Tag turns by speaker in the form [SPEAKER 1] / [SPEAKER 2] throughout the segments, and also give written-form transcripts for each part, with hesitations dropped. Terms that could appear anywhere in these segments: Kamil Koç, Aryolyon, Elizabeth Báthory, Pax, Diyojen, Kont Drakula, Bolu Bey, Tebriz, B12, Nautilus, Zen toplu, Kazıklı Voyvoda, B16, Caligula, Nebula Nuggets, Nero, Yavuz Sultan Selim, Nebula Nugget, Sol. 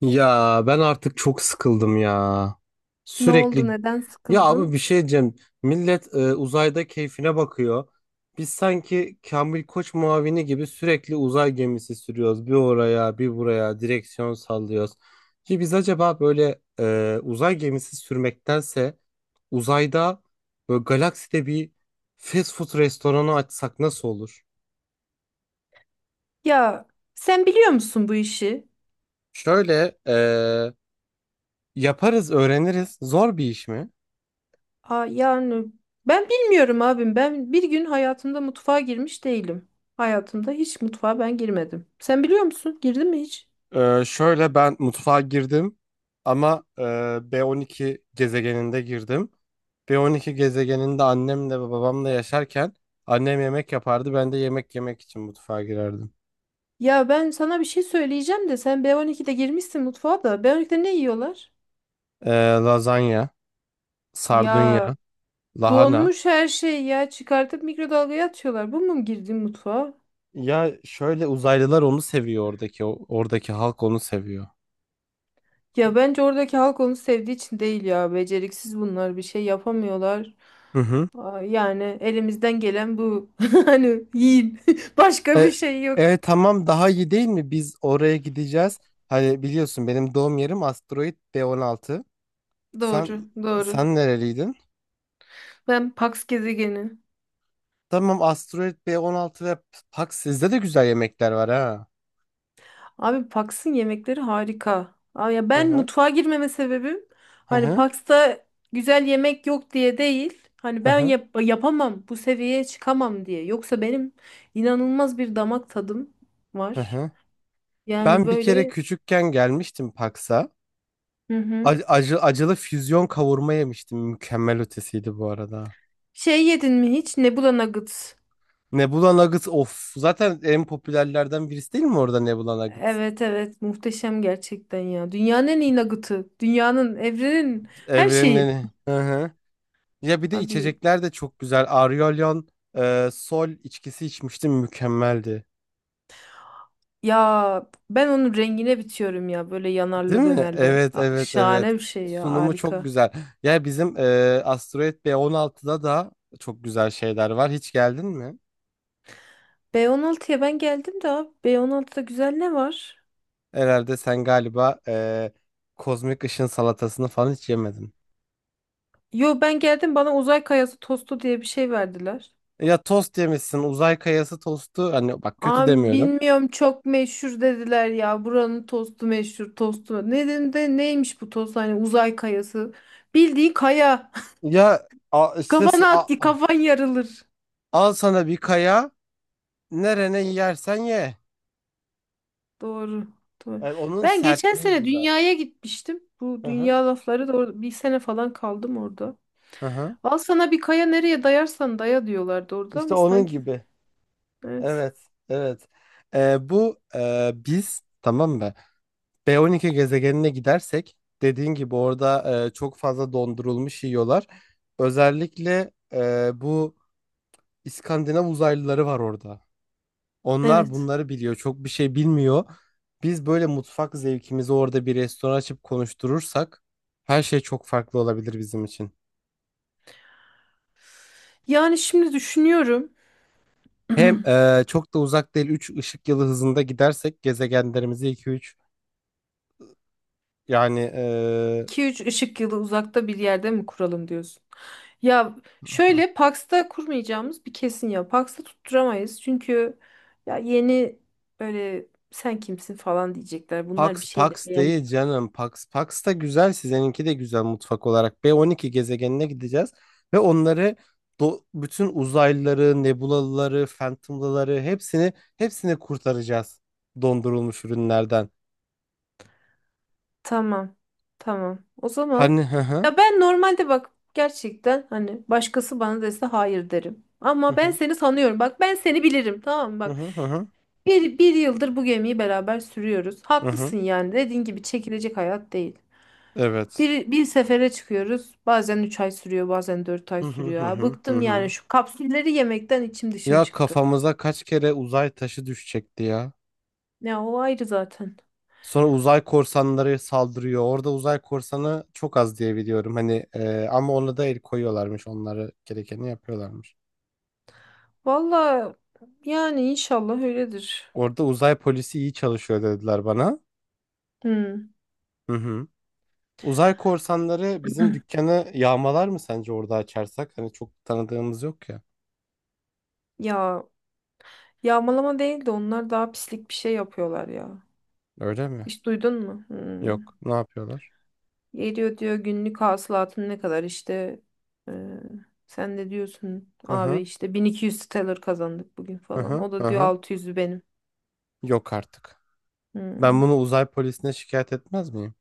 [SPEAKER 1] Ya ben artık çok sıkıldım ya.
[SPEAKER 2] Ne
[SPEAKER 1] Sürekli
[SPEAKER 2] oldu? Neden
[SPEAKER 1] ya abi bir
[SPEAKER 2] sıkıldın?
[SPEAKER 1] şey diyeceğim. Millet uzayda keyfine bakıyor. Biz sanki Kamil Koç muavini gibi sürekli uzay gemisi sürüyoruz. Bir oraya, bir buraya direksiyon sallıyoruz. Ki biz acaba böyle uzay gemisi sürmektense uzayda böyle galakside bir fast food restoranı açsak nasıl olur?
[SPEAKER 2] Ya sen biliyor musun bu işi?
[SPEAKER 1] Şöyle yaparız, öğreniriz. Zor bir iş mi?
[SPEAKER 2] Aa, yani ben bilmiyorum abim. Ben bir gün hayatımda mutfağa girmiş değilim. Hayatımda hiç mutfağa ben girmedim. Sen biliyor musun? Girdin mi hiç?
[SPEAKER 1] Şöyle ben mutfağa girdim ama B12 gezegeninde girdim. B12 gezegeninde annemle ve babamla yaşarken annem yemek yapardı. Ben de yemek yemek için mutfağa girerdim.
[SPEAKER 2] Ya ben sana bir şey söyleyeceğim de sen B12'de girmişsin mutfağa da. B12'de ne yiyorlar?
[SPEAKER 1] Ee, Lazanya, sardunya,
[SPEAKER 2] Ya
[SPEAKER 1] lahana.
[SPEAKER 2] donmuş her şey ya çıkartıp mikrodalgaya atıyorlar. Bu mu girdiğin mutfağa?
[SPEAKER 1] Ya şöyle uzaylılar onu seviyor, oradaki halk onu seviyor.
[SPEAKER 2] Ya bence oradaki halk onu sevdiği için değil ya. Beceriksiz bunlar bir şey yapamıyorlar.
[SPEAKER 1] Hı hı.
[SPEAKER 2] Aa, yani elimizden gelen bu. Hani yiyin. Başka bir
[SPEAKER 1] E,
[SPEAKER 2] şey yok.
[SPEAKER 1] tamam, daha iyi değil mi? Biz oraya gideceğiz. Hani biliyorsun benim doğum yerim asteroid B16.
[SPEAKER 2] Doğru,
[SPEAKER 1] Sen
[SPEAKER 2] doğru.
[SPEAKER 1] sen nereliydin?
[SPEAKER 2] Ben Pax gezegeni.
[SPEAKER 1] Tamam, Asteroid B16 ve Pax, sizde de güzel yemekler var ha.
[SPEAKER 2] Abi Pax'ın yemekleri harika. Aa, ya
[SPEAKER 1] Hı
[SPEAKER 2] ben
[SPEAKER 1] hı.
[SPEAKER 2] mutfağa girmeme sebebim
[SPEAKER 1] Hı
[SPEAKER 2] hani
[SPEAKER 1] hı.
[SPEAKER 2] Pax'ta güzel yemek yok diye değil. Hani
[SPEAKER 1] Hı
[SPEAKER 2] ben
[SPEAKER 1] hı.
[SPEAKER 2] yapamam, bu seviyeye çıkamam diye. Yoksa benim inanılmaz bir damak tadım
[SPEAKER 1] Hı
[SPEAKER 2] var.
[SPEAKER 1] hı.
[SPEAKER 2] Yani
[SPEAKER 1] Ben bir kere
[SPEAKER 2] böyle.
[SPEAKER 1] küçükken gelmiştim Pax'a.
[SPEAKER 2] Hı hı.
[SPEAKER 1] Acı, acılı füzyon kavurma yemiştim. Mükemmel ötesiydi bu arada.
[SPEAKER 2] Şey yedin mi hiç? Nebula Nugget.
[SPEAKER 1] Nebula Nuggets of. Zaten en popülerlerden birisi değil mi orada Nebula Nuggets?
[SPEAKER 2] Evet, evet, muhteşem gerçekten ya. Dünyanın en iyi nugget'ı. Dünyanın, evrenin, her şeyin.
[SPEAKER 1] Evrenin. Hı hı. Ya bir de
[SPEAKER 2] Abi
[SPEAKER 1] içecekler de çok güzel. Aryolyon Sol içkisi içmiştim. Mükemmeldi.
[SPEAKER 2] ya ben onun rengine bitiyorum ya böyle
[SPEAKER 1] Değil
[SPEAKER 2] yanarlı
[SPEAKER 1] mi?
[SPEAKER 2] dönerli.
[SPEAKER 1] Evet, evet, evet.
[SPEAKER 2] Şahane bir şey ya,
[SPEAKER 1] Sunumu çok
[SPEAKER 2] harika.
[SPEAKER 1] güzel. Ya bizim Asteroid B16'da da çok güzel şeyler var. Hiç geldin mi?
[SPEAKER 2] B16'ya ben geldim de abi B16'da güzel ne var?
[SPEAKER 1] Herhalde sen galiba kozmik ışın salatasını falan hiç yemedin.
[SPEAKER 2] Yo, ben geldim, bana uzay kayası tostu diye bir şey verdiler.
[SPEAKER 1] Ya tost yemişsin. Uzay kayası tostu. Hani bak, kötü
[SPEAKER 2] Abi
[SPEAKER 1] demiyorum.
[SPEAKER 2] bilmiyorum, çok meşhur dediler ya, buranın tostu meşhur tostu. Ne dedim de neymiş bu tost, hani uzay kayası. Bildiği kaya.
[SPEAKER 1] Ya işte
[SPEAKER 2] Kafana at, kafan yarılır.
[SPEAKER 1] al sana bir kaya. Nerene yersen ye.
[SPEAKER 2] Doğru. Doğru.
[SPEAKER 1] Onun
[SPEAKER 2] Ben geçen
[SPEAKER 1] sertliği
[SPEAKER 2] sene
[SPEAKER 1] güzel.
[SPEAKER 2] dünyaya gitmiştim. Bu
[SPEAKER 1] Hı hı.
[SPEAKER 2] dünya lafları da bir sene falan kaldım orada.
[SPEAKER 1] Hı hı.
[SPEAKER 2] Al sana bir kaya, nereye dayarsan daya diyorlardı orada
[SPEAKER 1] İşte
[SPEAKER 2] ama
[SPEAKER 1] onun
[SPEAKER 2] sanki
[SPEAKER 1] gibi.
[SPEAKER 2] evet.
[SPEAKER 1] Evet, evet. Bu, biz tamam mı? B12 gezegenine gidersek, dediğin gibi orada çok fazla dondurulmuş yiyorlar. Özellikle bu İskandinav uzaylıları var orada. Onlar
[SPEAKER 2] Evet.
[SPEAKER 1] bunları biliyor. Çok bir şey bilmiyor. Biz böyle mutfak zevkimizi orada bir restoran açıp konuşturursak her şey çok farklı olabilir bizim için.
[SPEAKER 2] Yani şimdi düşünüyorum.
[SPEAKER 1] Hem çok da uzak değil, 3 ışık yılı hızında gidersek gezegenlerimizi iki üç, yani
[SPEAKER 2] iki üç ışık yılı uzakta bir yerde mi kuralım diyorsun? Ya şöyle, Pax'ta kurmayacağımız bir kesin ya. Pax'ta tutturamayız. Çünkü ya yeni böyle sen kimsin falan diyecekler. Bunlar bir
[SPEAKER 1] Pax
[SPEAKER 2] şey de.
[SPEAKER 1] Pax değil canım. Pax Pax da güzel. Sizininki de güzel mutfak olarak. B12 gezegenine gideceğiz ve onları, bu bütün uzaylıları, nebulalıları, phantom'lıları hepsini hepsini kurtaracağız dondurulmuş ürünlerden.
[SPEAKER 2] Tamam. Tamam. O zaman
[SPEAKER 1] Hani hı hı
[SPEAKER 2] ya ben normalde bak, gerçekten, hani başkası bana dese hayır derim.
[SPEAKER 1] hı
[SPEAKER 2] Ama ben
[SPEAKER 1] hı
[SPEAKER 2] seni sanıyorum. Bak, ben seni bilirim. Tamam mı?
[SPEAKER 1] hı
[SPEAKER 2] Bak,
[SPEAKER 1] hı hı hı,
[SPEAKER 2] bir yıldır bu gemiyi beraber sürüyoruz.
[SPEAKER 1] hı hı.
[SPEAKER 2] Haklısın yani. Dediğin gibi çekilecek hayat değil.
[SPEAKER 1] Evet.
[SPEAKER 2] Bir sefere çıkıyoruz. Bazen 3 ay sürüyor, bazen 4 ay
[SPEAKER 1] Hı hı
[SPEAKER 2] sürüyor.
[SPEAKER 1] hı
[SPEAKER 2] Ha,
[SPEAKER 1] hı hı.
[SPEAKER 2] bıktım yani,
[SPEAKER 1] Hı.
[SPEAKER 2] şu kapsülleri yemekten içim dışım
[SPEAKER 1] Ya
[SPEAKER 2] çıktı.
[SPEAKER 1] kafamıza kaç kere uzay taşı düşecekti ya.
[SPEAKER 2] Ya o ayrı zaten.
[SPEAKER 1] Sonra uzay korsanları saldırıyor. Orada uzay korsanı çok az diye biliyorum. Hani ama ona da el koyuyorlarmış. Onları, gerekeni yapıyorlarmış.
[SPEAKER 2] Valla yani inşallah öyledir.
[SPEAKER 1] Orada uzay polisi iyi çalışıyor dediler bana.
[SPEAKER 2] Hmm.
[SPEAKER 1] Hı hı. Uzay korsanları bizim dükkanı yağmalar mı sence orada açarsak? Hani çok tanıdığımız yok ya.
[SPEAKER 2] Ya, yağmalama değil de onlar daha pislik bir şey yapıyorlar ya.
[SPEAKER 1] Öyle mi?
[SPEAKER 2] Hiç duydun mu? Hmm.
[SPEAKER 1] Yok. Ne yapıyorlar?
[SPEAKER 2] Geliyor diyor günlük hasılatın ne kadar işte, e, sen de diyorsun
[SPEAKER 1] Hı
[SPEAKER 2] abi
[SPEAKER 1] hı.
[SPEAKER 2] işte 1.200 sterler kazandık bugün
[SPEAKER 1] Hı
[SPEAKER 2] falan.
[SPEAKER 1] hı.
[SPEAKER 2] O
[SPEAKER 1] Hı
[SPEAKER 2] da diyor
[SPEAKER 1] hı.
[SPEAKER 2] 600'ü benim.
[SPEAKER 1] Yok artık. Ben
[SPEAKER 2] Hmm.
[SPEAKER 1] bunu uzay polisine şikayet etmez miyim?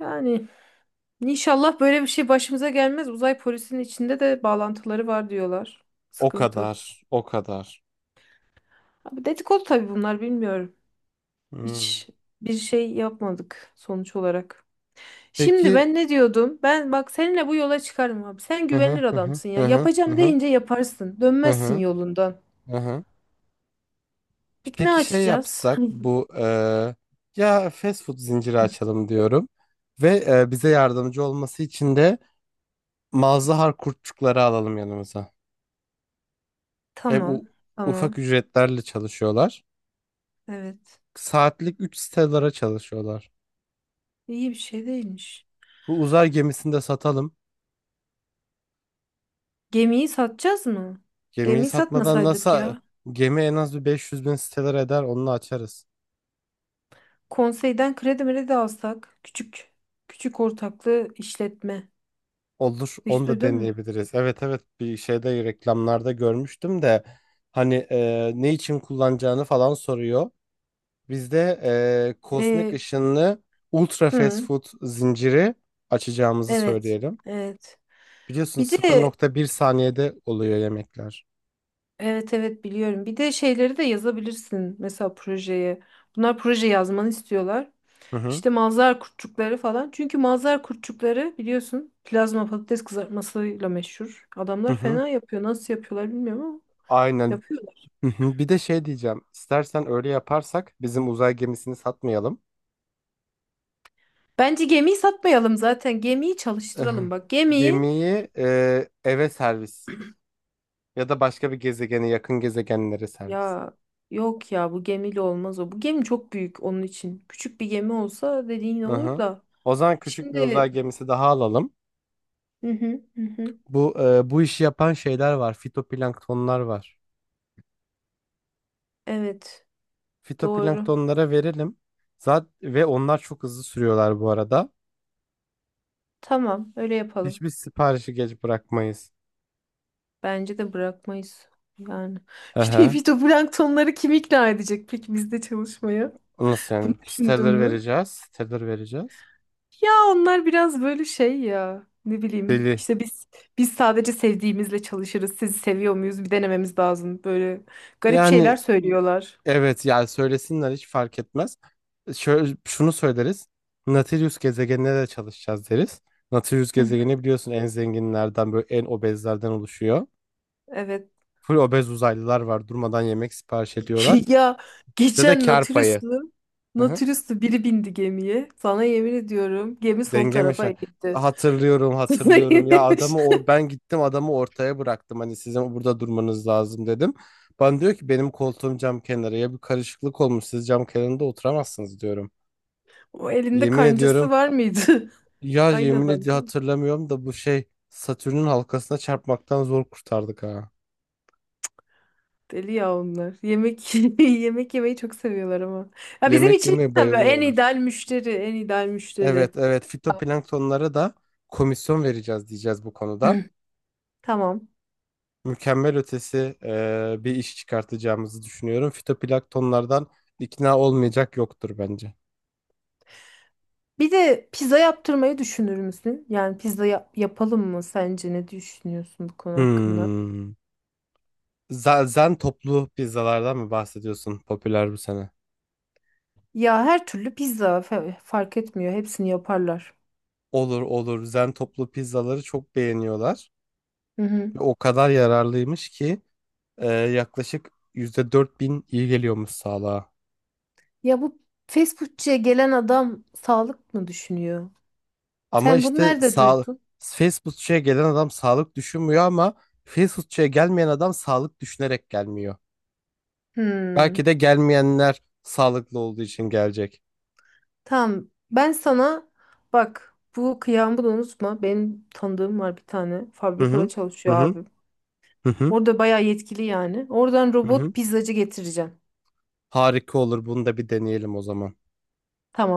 [SPEAKER 2] Yani inşallah böyle bir şey başımıza gelmez. Uzay polisinin içinde de bağlantıları var diyorlar.
[SPEAKER 1] O
[SPEAKER 2] Sıkıntı.
[SPEAKER 1] kadar. O kadar.
[SPEAKER 2] Abi dedikodu tabii bunlar, bilmiyorum.
[SPEAKER 1] Hmm.
[SPEAKER 2] Hiç bir şey yapmadık sonuç olarak. Şimdi
[SPEAKER 1] Peki.
[SPEAKER 2] ben ne diyordum? Ben bak, seninle bu yola çıkarım abi. Sen
[SPEAKER 1] Hı hı
[SPEAKER 2] güvenilir
[SPEAKER 1] hı hı
[SPEAKER 2] adamsın ya.
[SPEAKER 1] hı hı. Hı
[SPEAKER 2] Yapacağım
[SPEAKER 1] hı.
[SPEAKER 2] deyince yaparsın.
[SPEAKER 1] Hı
[SPEAKER 2] Dönmezsin
[SPEAKER 1] hı,
[SPEAKER 2] yolundan.
[SPEAKER 1] hı hı.
[SPEAKER 2] Peki ne
[SPEAKER 1] Peki şey
[SPEAKER 2] açacağız?
[SPEAKER 1] yapsak, bu ya fast food zinciri açalım diyorum ve bize yardımcı olması için de mazhar kurtçukları alalım yanımıza. Hep
[SPEAKER 2] Tamam.
[SPEAKER 1] ufak
[SPEAKER 2] Tamam.
[SPEAKER 1] ücretlerle çalışıyorlar.
[SPEAKER 2] Evet.
[SPEAKER 1] Saatlik 3 stelara çalışıyorlar.
[SPEAKER 2] İyi bir şey değilmiş.
[SPEAKER 1] Bu uzay gemisini de satalım.
[SPEAKER 2] Gemiyi satacağız mı?
[SPEAKER 1] Gemiyi
[SPEAKER 2] Gemiyi
[SPEAKER 1] satmadan
[SPEAKER 2] satmasaydık
[SPEAKER 1] nasıl,
[SPEAKER 2] ya.
[SPEAKER 1] gemi en az bir 500.000 stelar eder, onu açarız.
[SPEAKER 2] Konseyden kredi mredi alsak. Küçük. Küçük ortaklı işletme.
[SPEAKER 1] Olur,
[SPEAKER 2] Hiç
[SPEAKER 1] onu da
[SPEAKER 2] duydun mu?
[SPEAKER 1] deneyebiliriz. Evet, evet, bir şeyde, reklamlarda görmüştüm de, hani ne için kullanacağını falan soruyor. Bizde kozmik
[SPEAKER 2] Ee,
[SPEAKER 1] ışınlı ultra fast
[SPEAKER 2] hı,
[SPEAKER 1] food zinciri açacağımızı
[SPEAKER 2] evet.
[SPEAKER 1] söyleyelim.
[SPEAKER 2] Evet.
[SPEAKER 1] Biliyorsun
[SPEAKER 2] Bir
[SPEAKER 1] sıfır
[SPEAKER 2] de.
[SPEAKER 1] nokta bir saniyede oluyor yemekler.
[SPEAKER 2] Evet, evet, biliyorum. Bir de şeyleri de yazabilirsin mesela projeye. Bunlar proje yazmanı istiyorlar.
[SPEAKER 1] Hı hı
[SPEAKER 2] İşte mazhar kurtçukları falan. Çünkü mazhar kurtçukları biliyorsun plazma patates kızartmasıyla meşhur.
[SPEAKER 1] hı
[SPEAKER 2] Adamlar
[SPEAKER 1] hı.
[SPEAKER 2] fena yapıyor. Nasıl yapıyorlar bilmiyorum ama
[SPEAKER 1] Aynen.
[SPEAKER 2] yapıyorlar.
[SPEAKER 1] Hı hı. Bir de şey diyeceğim. İstersen öyle yaparsak bizim uzay gemisini satmayalım.
[SPEAKER 2] Bence gemiyi satmayalım zaten. Gemiyi çalıştıralım. Bak gemiyi,
[SPEAKER 1] Gemiyi eve servis. Ya da başka bir gezegene, yakın gezegenlere servis.
[SPEAKER 2] ya yok ya, bu gemiyle olmaz o. Bu gemi çok büyük onun için. Küçük bir gemi olsa dediğin olur
[SPEAKER 1] Aha.
[SPEAKER 2] da.
[SPEAKER 1] O zaman küçük bir
[SPEAKER 2] Şimdi.
[SPEAKER 1] uzay gemisi daha alalım.
[SPEAKER 2] Hı hı hı. Hı.
[SPEAKER 1] Bu bu işi yapan şeyler var. Fitoplanktonlar var.
[SPEAKER 2] Evet, doğru.
[SPEAKER 1] Fitoplanktonlara verelim. Zaten ve onlar çok hızlı sürüyorlar bu arada.
[SPEAKER 2] Tamam, öyle yapalım.
[SPEAKER 1] Hiçbir siparişi geç bırakmayız.
[SPEAKER 2] Bence de bırakmayız. Yani bir de
[SPEAKER 1] Aha.
[SPEAKER 2] fitoplanktonları kim ikna edecek peki bizde çalışmaya?
[SPEAKER 1] Nasıl
[SPEAKER 2] Bunu
[SPEAKER 1] yani?
[SPEAKER 2] düşündün
[SPEAKER 1] Stellar
[SPEAKER 2] mü?
[SPEAKER 1] vereceğiz. Stellar vereceğiz.
[SPEAKER 2] Ya onlar biraz böyle şey ya. Ne bileyim.
[SPEAKER 1] Deli.
[SPEAKER 2] İşte biz sadece sevdiğimizle çalışırız. Sizi seviyor muyuz? Bir denememiz lazım. Böyle garip şeyler
[SPEAKER 1] Yani
[SPEAKER 2] söylüyorlar.
[SPEAKER 1] evet, yani söylesinler, hiç fark etmez. Şöyle, şunu söyleriz. Nautilus gezegenine de çalışacağız deriz. Nautilus
[SPEAKER 2] Hı hı.
[SPEAKER 1] gezegeni biliyorsun en zenginlerden, böyle en obezlerden oluşuyor.
[SPEAKER 2] Evet.
[SPEAKER 1] Full obez uzaylılar var, durmadan yemek sipariş ediyorlar.
[SPEAKER 2] Ya
[SPEAKER 1] Size de
[SPEAKER 2] geçen
[SPEAKER 1] kar payı. Hı hı.
[SPEAKER 2] Natürüslü biri bindi gemiye. Sana yemin ediyorum gemi sol
[SPEAKER 1] Denge mi şey?
[SPEAKER 2] tarafa gitti.
[SPEAKER 1] Hatırlıyorum, hatırlıyorum. Ya adamı o, ben gittim adamı ortaya bıraktım. Hani sizin burada durmanız lazım dedim. Bana diyor ki benim koltuğum cam kenarı. Ya bir karışıklık olmuş, siz cam kenarında oturamazsınız diyorum.
[SPEAKER 2] O elinde
[SPEAKER 1] Yemin
[SPEAKER 2] kancası
[SPEAKER 1] ediyorum,
[SPEAKER 2] var mıydı?
[SPEAKER 1] ya
[SPEAKER 2] Aynı
[SPEAKER 1] yemin
[SPEAKER 2] adam
[SPEAKER 1] ediyorum
[SPEAKER 2] değil mi?
[SPEAKER 1] hatırlamıyorum da, bu şey Satürn'ün halkasına çarpmaktan zor kurtardık ha.
[SPEAKER 2] Deli ya onlar. Yemek yemek yemeyi çok seviyorlar ama. Ya bizim
[SPEAKER 1] Yemek
[SPEAKER 2] için
[SPEAKER 1] yemeye
[SPEAKER 2] tabii en
[SPEAKER 1] bayılıyorlar.
[SPEAKER 2] ideal müşteri, en ideal müşteri.
[SPEAKER 1] Evet, evet, fitoplanktonlara da komisyon vereceğiz diyeceğiz bu konuda.
[SPEAKER 2] Tamam.
[SPEAKER 1] Mükemmel ötesi bir iş çıkartacağımızı düşünüyorum. Fitoplanktonlardan ikna olmayacak yoktur bence.
[SPEAKER 2] Bir de pizza yaptırmayı düşünür müsün? Yani pizza yapalım mı sence? Ne düşünüyorsun bu konu hakkında?
[SPEAKER 1] Hmm. Zen toplu pizzalardan mı bahsediyorsun, popüler bu sene?
[SPEAKER 2] Ya her türlü pizza fark etmiyor. Hepsini yaparlar.
[SPEAKER 1] Olur, olur. Zen toplu pizzaları çok beğeniyorlar.
[SPEAKER 2] Hı hı.
[SPEAKER 1] Ve o kadar yararlıymış ki yaklaşık %4.000 iyi geliyormuş sağlığa.
[SPEAKER 2] Ya bu fast foodçuya gelen adam sağlık mı düşünüyor?
[SPEAKER 1] Ama
[SPEAKER 2] Sen bunu
[SPEAKER 1] işte
[SPEAKER 2] nerede duydun?
[SPEAKER 1] fast foodçuya gelen adam sağlık düşünmüyor ama fast foodçuya gelmeyen adam sağlık düşünerek gelmiyor.
[SPEAKER 2] Hmm.
[SPEAKER 1] Belki de gelmeyenler sağlıklı olduğu için gelecek.
[SPEAKER 2] Tamam. Ben sana, bak bu kıyağımı da unutma. Benim tanıdığım var bir tane.
[SPEAKER 1] Hı
[SPEAKER 2] Fabrikada
[SPEAKER 1] hı. Hı
[SPEAKER 2] çalışıyor
[SPEAKER 1] hı.
[SPEAKER 2] abim.
[SPEAKER 1] Hı hı.
[SPEAKER 2] Orada bayağı yetkili yani. Oradan
[SPEAKER 1] Hı hı.
[SPEAKER 2] robot pizzacı getireceğim.
[SPEAKER 1] Harika olur. Bunu da bir deneyelim o zaman.
[SPEAKER 2] Tamam.